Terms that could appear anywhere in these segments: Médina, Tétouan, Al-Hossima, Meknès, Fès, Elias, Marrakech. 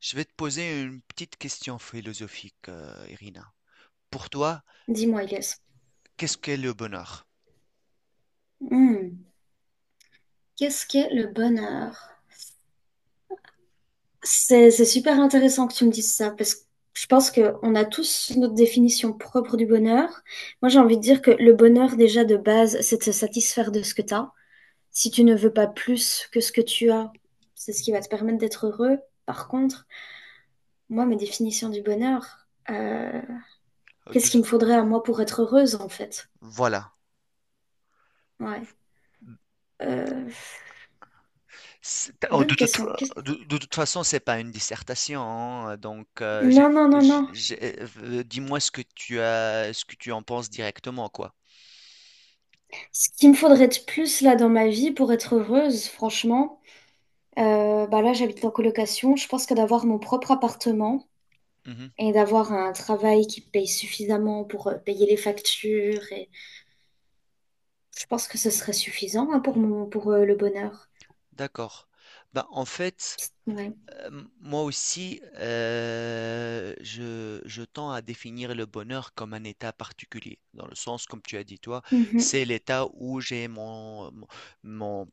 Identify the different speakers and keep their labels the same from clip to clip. Speaker 1: Je vais te poser une petite question philosophique, Irina. Pour toi,
Speaker 2: Dis-moi, Elias,
Speaker 1: qu'est-ce qu'est le bonheur?
Speaker 2: Hmm. qu'est-ce qu'est le bonheur? C'est super intéressant que tu me dises ça parce que je pense qu'on a tous notre définition propre du bonheur. Moi, j'ai envie de dire que le bonheur, déjà de base, c'est de se satisfaire de ce que tu as. Si tu ne veux pas plus que ce que tu as, c'est ce qui va te permettre d'être heureux. Par contre, moi, ma définition du bonheur,
Speaker 1: Euh, de
Speaker 2: qu'est-ce
Speaker 1: tout-
Speaker 2: qu'il me faudrait à moi pour être heureuse en fait?
Speaker 1: voilà.
Speaker 2: Ouais. Euh,
Speaker 1: C'est- oh, De
Speaker 2: bonne
Speaker 1: toute,
Speaker 2: question.
Speaker 1: de toute façon, c'est pas une dissertation, hein, donc
Speaker 2: Non, non, non, non.
Speaker 1: dis-moi ce que tu as, ce que tu en penses directement, quoi.
Speaker 2: Ce qu'il me faudrait de plus là dans ma vie pour être heureuse, franchement, bah là j'habite en colocation. Je pense que d'avoir mon propre appartement
Speaker 1: Mhm,
Speaker 2: et d'avoir un travail qui paye suffisamment pour payer les factures, et je pense que ce serait suffisant hein, pour le bonheur.
Speaker 1: d'accord. Ben, en fait.
Speaker 2: Ouais.
Speaker 1: Euh, Moi aussi, je tends à définir le bonheur comme un état particulier, dans le sens, comme tu as dit toi,
Speaker 2: Mhm.
Speaker 1: c'est l'état où j'ai mon,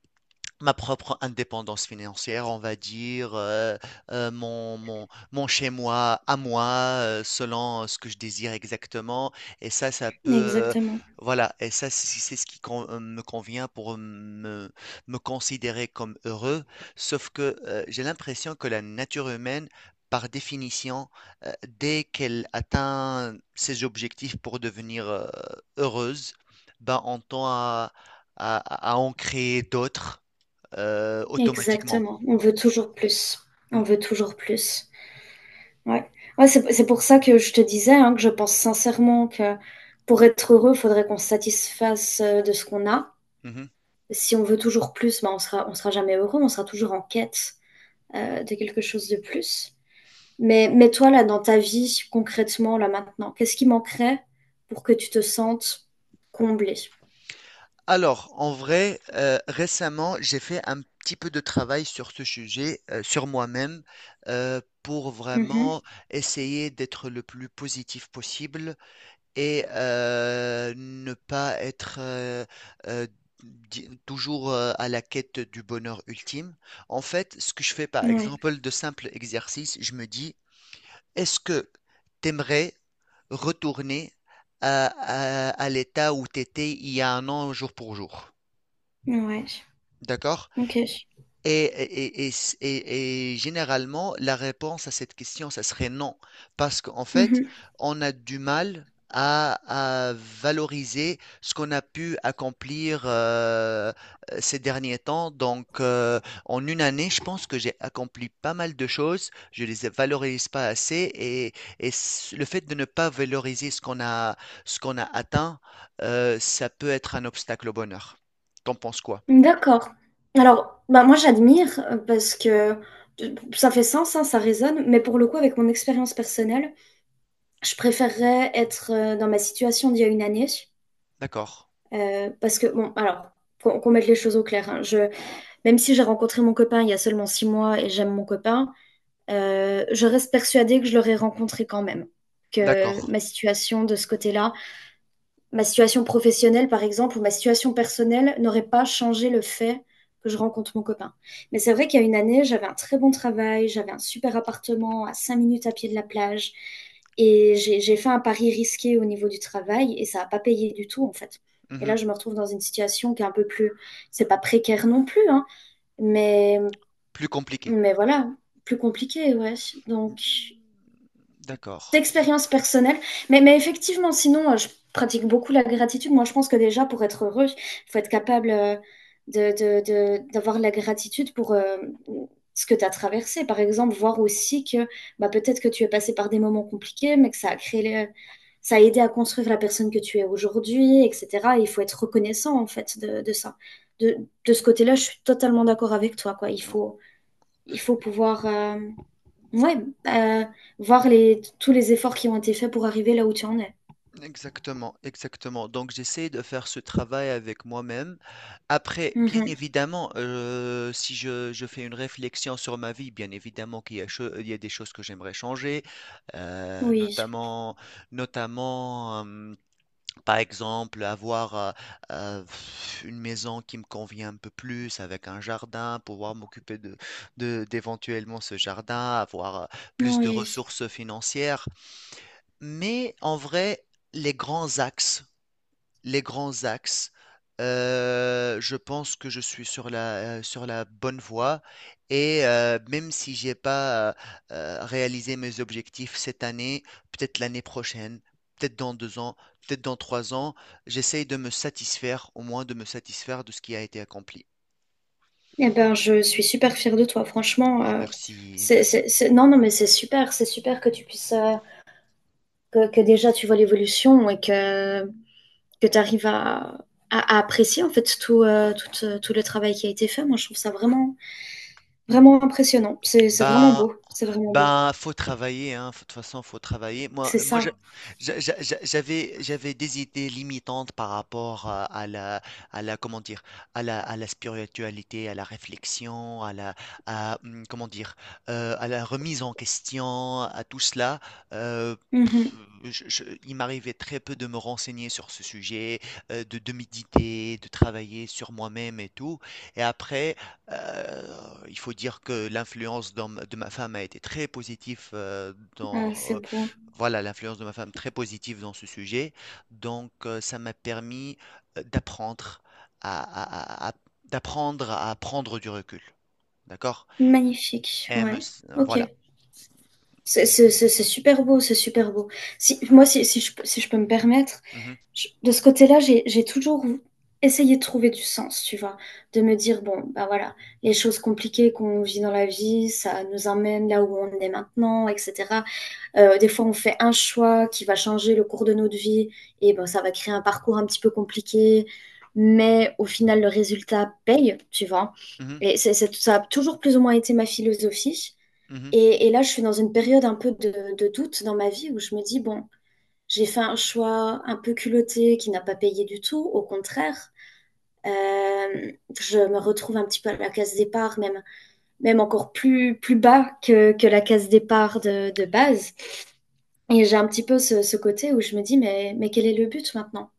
Speaker 1: ma propre indépendance financière, on va dire, mon chez-moi à moi, selon ce que je désire exactement. Et ça,
Speaker 2: Exactement.
Speaker 1: voilà, et ça, c'est ce qui me convient pour me considérer comme heureux. Sauf que j'ai l'impression que la nature humaine, par définition, euh, dès qu'elle atteint ses objectifs pour devenir heureuse, ben, on tend à, à en créer d'autres automatiquement.
Speaker 2: Exactement. On veut toujours plus. On
Speaker 1: Mm,
Speaker 2: veut toujours plus. Ouais. Ouais, c'est pour ça que je te disais hein, que je pense sincèrement que pour être heureux, il faudrait qu'on se satisfasse de ce qu'on a.
Speaker 1: mhm.
Speaker 2: Si on veut toujours plus, bah, on sera jamais heureux, on sera toujours en quête de quelque chose de plus. Mais toi, là, dans ta vie, concrètement, là, maintenant, qu'est-ce qui manquerait pour que tu te sentes comblée?
Speaker 1: Alors, en vrai, récemment, j'ai fait un petit peu de travail sur ce sujet, sur moi-même, pour
Speaker 2: Mhm.
Speaker 1: vraiment essayer d'être le plus positif possible et ne pas être euh, toujours à la quête du bonheur ultime. En fait, ce que je fais, par
Speaker 2: Ouais,
Speaker 1: exemple, de simples exercices, je me dis, est-ce que t'aimerais retourner à l'état où t'étais il y a 1 an, jour pour jour?
Speaker 2: ouais,
Speaker 1: D'accord?
Speaker 2: ok.
Speaker 1: Et, et, et, et Généralement, la réponse à cette question, ça serait non. Parce qu'en fait,
Speaker 2: Mhm.
Speaker 1: on a du mal à valoriser ce qu'on a pu accomplir ces derniers temps. Donc, en 1 année, je pense que j'ai accompli pas mal de choses. Je les valorise pas assez. Et le fait de ne pas valoriser ce qu'on a atteint, ça peut être un obstacle au bonheur. T'en penses quoi?
Speaker 2: D'accord. Alors, bah, moi, j'admire parce que ça fait sens, hein, ça résonne, mais pour le coup, avec mon expérience personnelle, je préférerais être dans ma situation d'il y a une année
Speaker 1: D'accord,
Speaker 2: parce que, bon, alors, qu'on mette les choses au clair, hein, même si j'ai rencontré mon copain il y a seulement 6 mois et j'aime mon copain, je reste persuadée que je l'aurais rencontré quand même. Que
Speaker 1: d'accord.
Speaker 2: ma situation de ce côté-là, ma situation professionnelle par exemple, ou ma situation personnelle n'aurait pas changé le fait que je rencontre mon copain. Mais c'est vrai qu'il y a une année, j'avais un très bon travail, j'avais un super appartement à 5 minutes à pied de la plage, et j'ai fait un pari risqué au niveau du travail, et ça n'a pas payé du tout en fait. Et là,
Speaker 1: Mhm.
Speaker 2: je me retrouve dans une situation qui est un peu plus, c'est pas précaire non plus, hein, mais
Speaker 1: Plus compliqué.
Speaker 2: voilà, plus compliqué, ouais. Donc,
Speaker 1: D'accord.
Speaker 2: d'expérience personnelle. Mais effectivement, sinon, je pratique beaucoup la gratitude. Moi, je pense que déjà, pour être heureux, il faut être capable de, de- d'avoir la gratitude pour ce que tu as traversé. Par exemple, voir aussi que bah, peut-être que tu es passé par des moments compliqués, mais que ça a aidé à construire la personne que tu es aujourd'hui, etc. Il faut être reconnaissant, en fait, de ça. De, de ce côté-là, je suis totalement d'accord avec toi, quoi.
Speaker 1: Non,
Speaker 2: Il faut pouvoir. Ouais, euh, voir tous les efforts qui ont été faits pour arriver là où tu en es.
Speaker 1: exactement, exactement. Donc j'essaie de faire ce travail avec moi-même. Après, bien
Speaker 2: Mhm.
Speaker 1: évidemment, si je fais une réflexion sur ma vie, bien évidemment qu'il y a il y a des choses que j'aimerais changer,
Speaker 2: Oui,
Speaker 1: notamment, notamment. Par exemple, avoir euh, une maison qui me convient un peu plus, avec un jardin, pouvoir m'occuper d'éventuellement ce jardin, avoir plus de
Speaker 2: oui.
Speaker 1: ressources financières. Mais en vrai, les grands axes les grands axes. Je pense que je suis sur la bonne voie et même si j'ai pas réalisé mes objectifs cette année, peut-être l'année prochaine, peut-être dans 2 ans, peut-être dans 3 ans, j'essaye de me satisfaire, au moins de me satisfaire de ce qui a été accompli.
Speaker 2: Eh ben, je suis super fière de toi, franchement.
Speaker 1: Ah, merci, merci.
Speaker 2: Non, non, mais c'est super que tu puisses, que déjà tu vois l'évolution et que tu arrives à, à apprécier en fait tout le travail qui a été fait. Moi, je trouve ça vraiment, vraiment impressionnant. C'est vraiment
Speaker 1: Ben,
Speaker 2: beau, c'est vraiment beau.
Speaker 1: ben, faut travailler, hein. De toute façon, faut travailler. Moi,
Speaker 2: C'est
Speaker 1: moi, je-
Speaker 2: ça.
Speaker 1: j'a- j'a- j'a- j'avais, j'avais des idées limitantes par rapport à la, à la, comment dire, à la, à la spiritualité, à la réflexion, à, hum, comment dire, à la remise en question, à tout cela. Euh, pff,
Speaker 2: Mhm.
Speaker 1: il m'arrivait très peu de me renseigner sur ce sujet, de méditer, de travailler sur moi-même et tout. Et après, euh, il faut dire que de ma femme a été très positive dans
Speaker 2: Ah, c'est beau.
Speaker 1: voilà, l'influence de ma femme très positive dans ce sujet. Donc ça m'a permis d'apprendre à- d'apprendre à prendre du recul. D'accord?
Speaker 2: Magnifique,
Speaker 1: Et me
Speaker 2: ouais.
Speaker 1: s-
Speaker 2: Ok.
Speaker 1: voilà.
Speaker 2: C'est super beau, c'est super beau. Si, moi, si je peux me permettre,
Speaker 1: Mhm,
Speaker 2: de ce côté-là, j'ai toujours essayé de trouver du sens, tu vois, de me dire, bon, bah voilà, les choses compliquées qu'on vit dans la vie, ça nous emmène là où on est maintenant, etc. Des fois, on fait un choix qui va changer le cours de notre vie, et ben, ça va créer un parcours un petit peu compliqué, mais au final, le résultat paye, tu vois.
Speaker 1: mhm,
Speaker 2: Et ça a toujours plus ou moins été ma philosophie.
Speaker 1: mhm.
Speaker 2: Et là, je suis dans une période un peu de doute dans ma vie où je me dis, bon, j'ai fait un choix un peu culotté qui n'a pas payé du tout, au contraire. Euh, je me retrouve un petit peu à la case départ, même, même encore plus, plus bas que la case départ de base. Et j'ai un petit peu ce, ce côté où je me dis, mais quel est le but maintenant?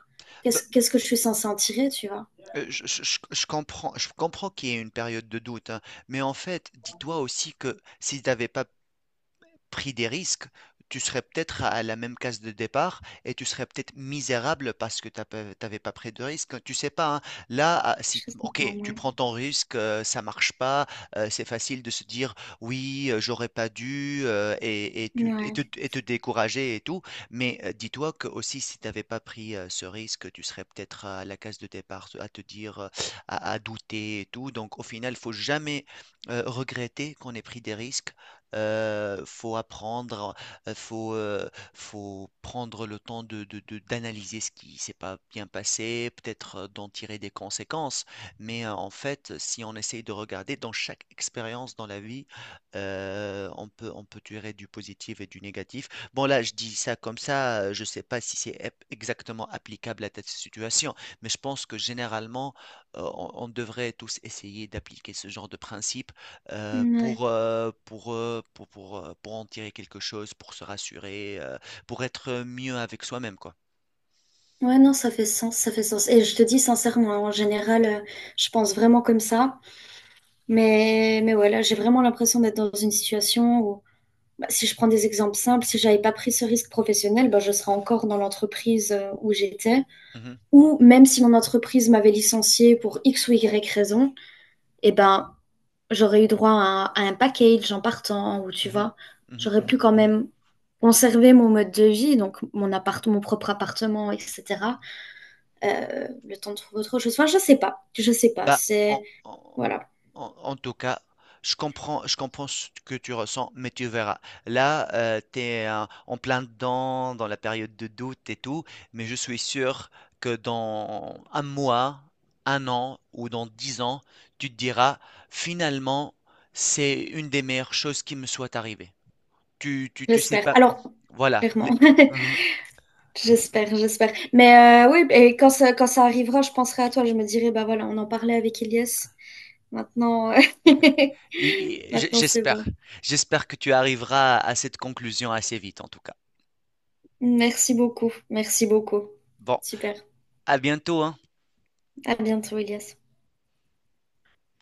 Speaker 1: Bah,
Speaker 2: Qu'est-ce que je suis censée en tirer, tu vois?
Speaker 1: je comprends qu'il y ait une période de doute, hein, mais en fait, dis-toi aussi que si tu n'avais pas pris des risques, tu serais peut-être à la même case de départ et tu serais peut-être misérable parce que tu n'avais pas pris de risque. Tu sais pas, hein. Là, ah, si,
Speaker 2: Je sais pas,
Speaker 1: ok, tu
Speaker 2: ouais.
Speaker 1: prends ton risque, ça marche pas, c'est facile de se dire oui, j'aurais pas dû et
Speaker 2: Ouais,
Speaker 1: te décourager et tout. Mais dis-toi que aussi, si tu n'avais pas pris ce risque, tu serais peut-être à la case de départ, à te dire, à douter et tout. Donc, au final, il faut jamais regretter qu'on ait pris des risques faut apprendre, euh, faut, euh, faut prendre le temps de, d'analyser ce qui s'est pas bien passé, peut-être d'en tirer des conséquences. Mais en fait, si on essaye de regarder dans chaque expérience dans la vie, on peut tirer du positif et du négatif. Bon, là, je dis ça comme ça, je sais pas si c'est exactement applicable à cette situation, mais je pense que généralement, on devrait tous essayer d'appliquer ce genre de principe
Speaker 2: ouais.
Speaker 1: pour, pour en tirer quelque chose, pour se rassurer, pour être mieux avec soi-même, quoi.
Speaker 2: Ouais, non, ça fait sens, ça fait sens. Et je te dis sincèrement, en général, je pense vraiment comme ça. Mais voilà, j'ai vraiment l'impression d'être dans une situation où, bah, si je prends des exemples simples, si j'avais pas pris ce risque professionnel, bah, je serais encore dans l'entreprise où j'étais.
Speaker 1: Mhm,
Speaker 2: Ou même si mon entreprise m'avait licenciée pour X ou Y raison, eh ben, j'aurais eu droit à un package en partant, ou tu
Speaker 1: mhm,
Speaker 2: vois,
Speaker 1: mhm,
Speaker 2: j'aurais pu
Speaker 1: mhm,
Speaker 2: quand
Speaker 1: mhm.
Speaker 2: même conserver mon mode de vie, donc mon appart, mon propre appartement, etc. Le temps de trouver autre chose. Enfin, je sais pas, je sais pas.
Speaker 1: Bah,
Speaker 2: C'est,
Speaker 1: en, en-
Speaker 2: voilà.
Speaker 1: En, en tout cas, je comprends ce que tu ressens, mais tu verras. Là, tu es en plein dedans, dans la période de doute et tout, mais je suis sûr que dans 1 mois, 1 an ou dans 10 ans, tu te diras, finalement, c'est une des meilleures choses qui me soit arrivée. Tu sais
Speaker 2: J'espère.
Speaker 1: pas.
Speaker 2: Alors,
Speaker 1: Voilà.
Speaker 2: clairement. J'espère, j'espère. Mais oui, et quand ça arrivera, je penserai à toi. Je me dirai, bah voilà, on en parlait avec Elias. Maintenant,
Speaker 1: Et
Speaker 2: maintenant c'est
Speaker 1: j'espère.
Speaker 2: bon.
Speaker 1: J'espère que tu arriveras à cette conclusion assez vite, en tout cas.
Speaker 2: Merci beaucoup. Merci beaucoup.
Speaker 1: Bon,
Speaker 2: Super.
Speaker 1: à bientôt, hein.
Speaker 2: À bientôt, Elias.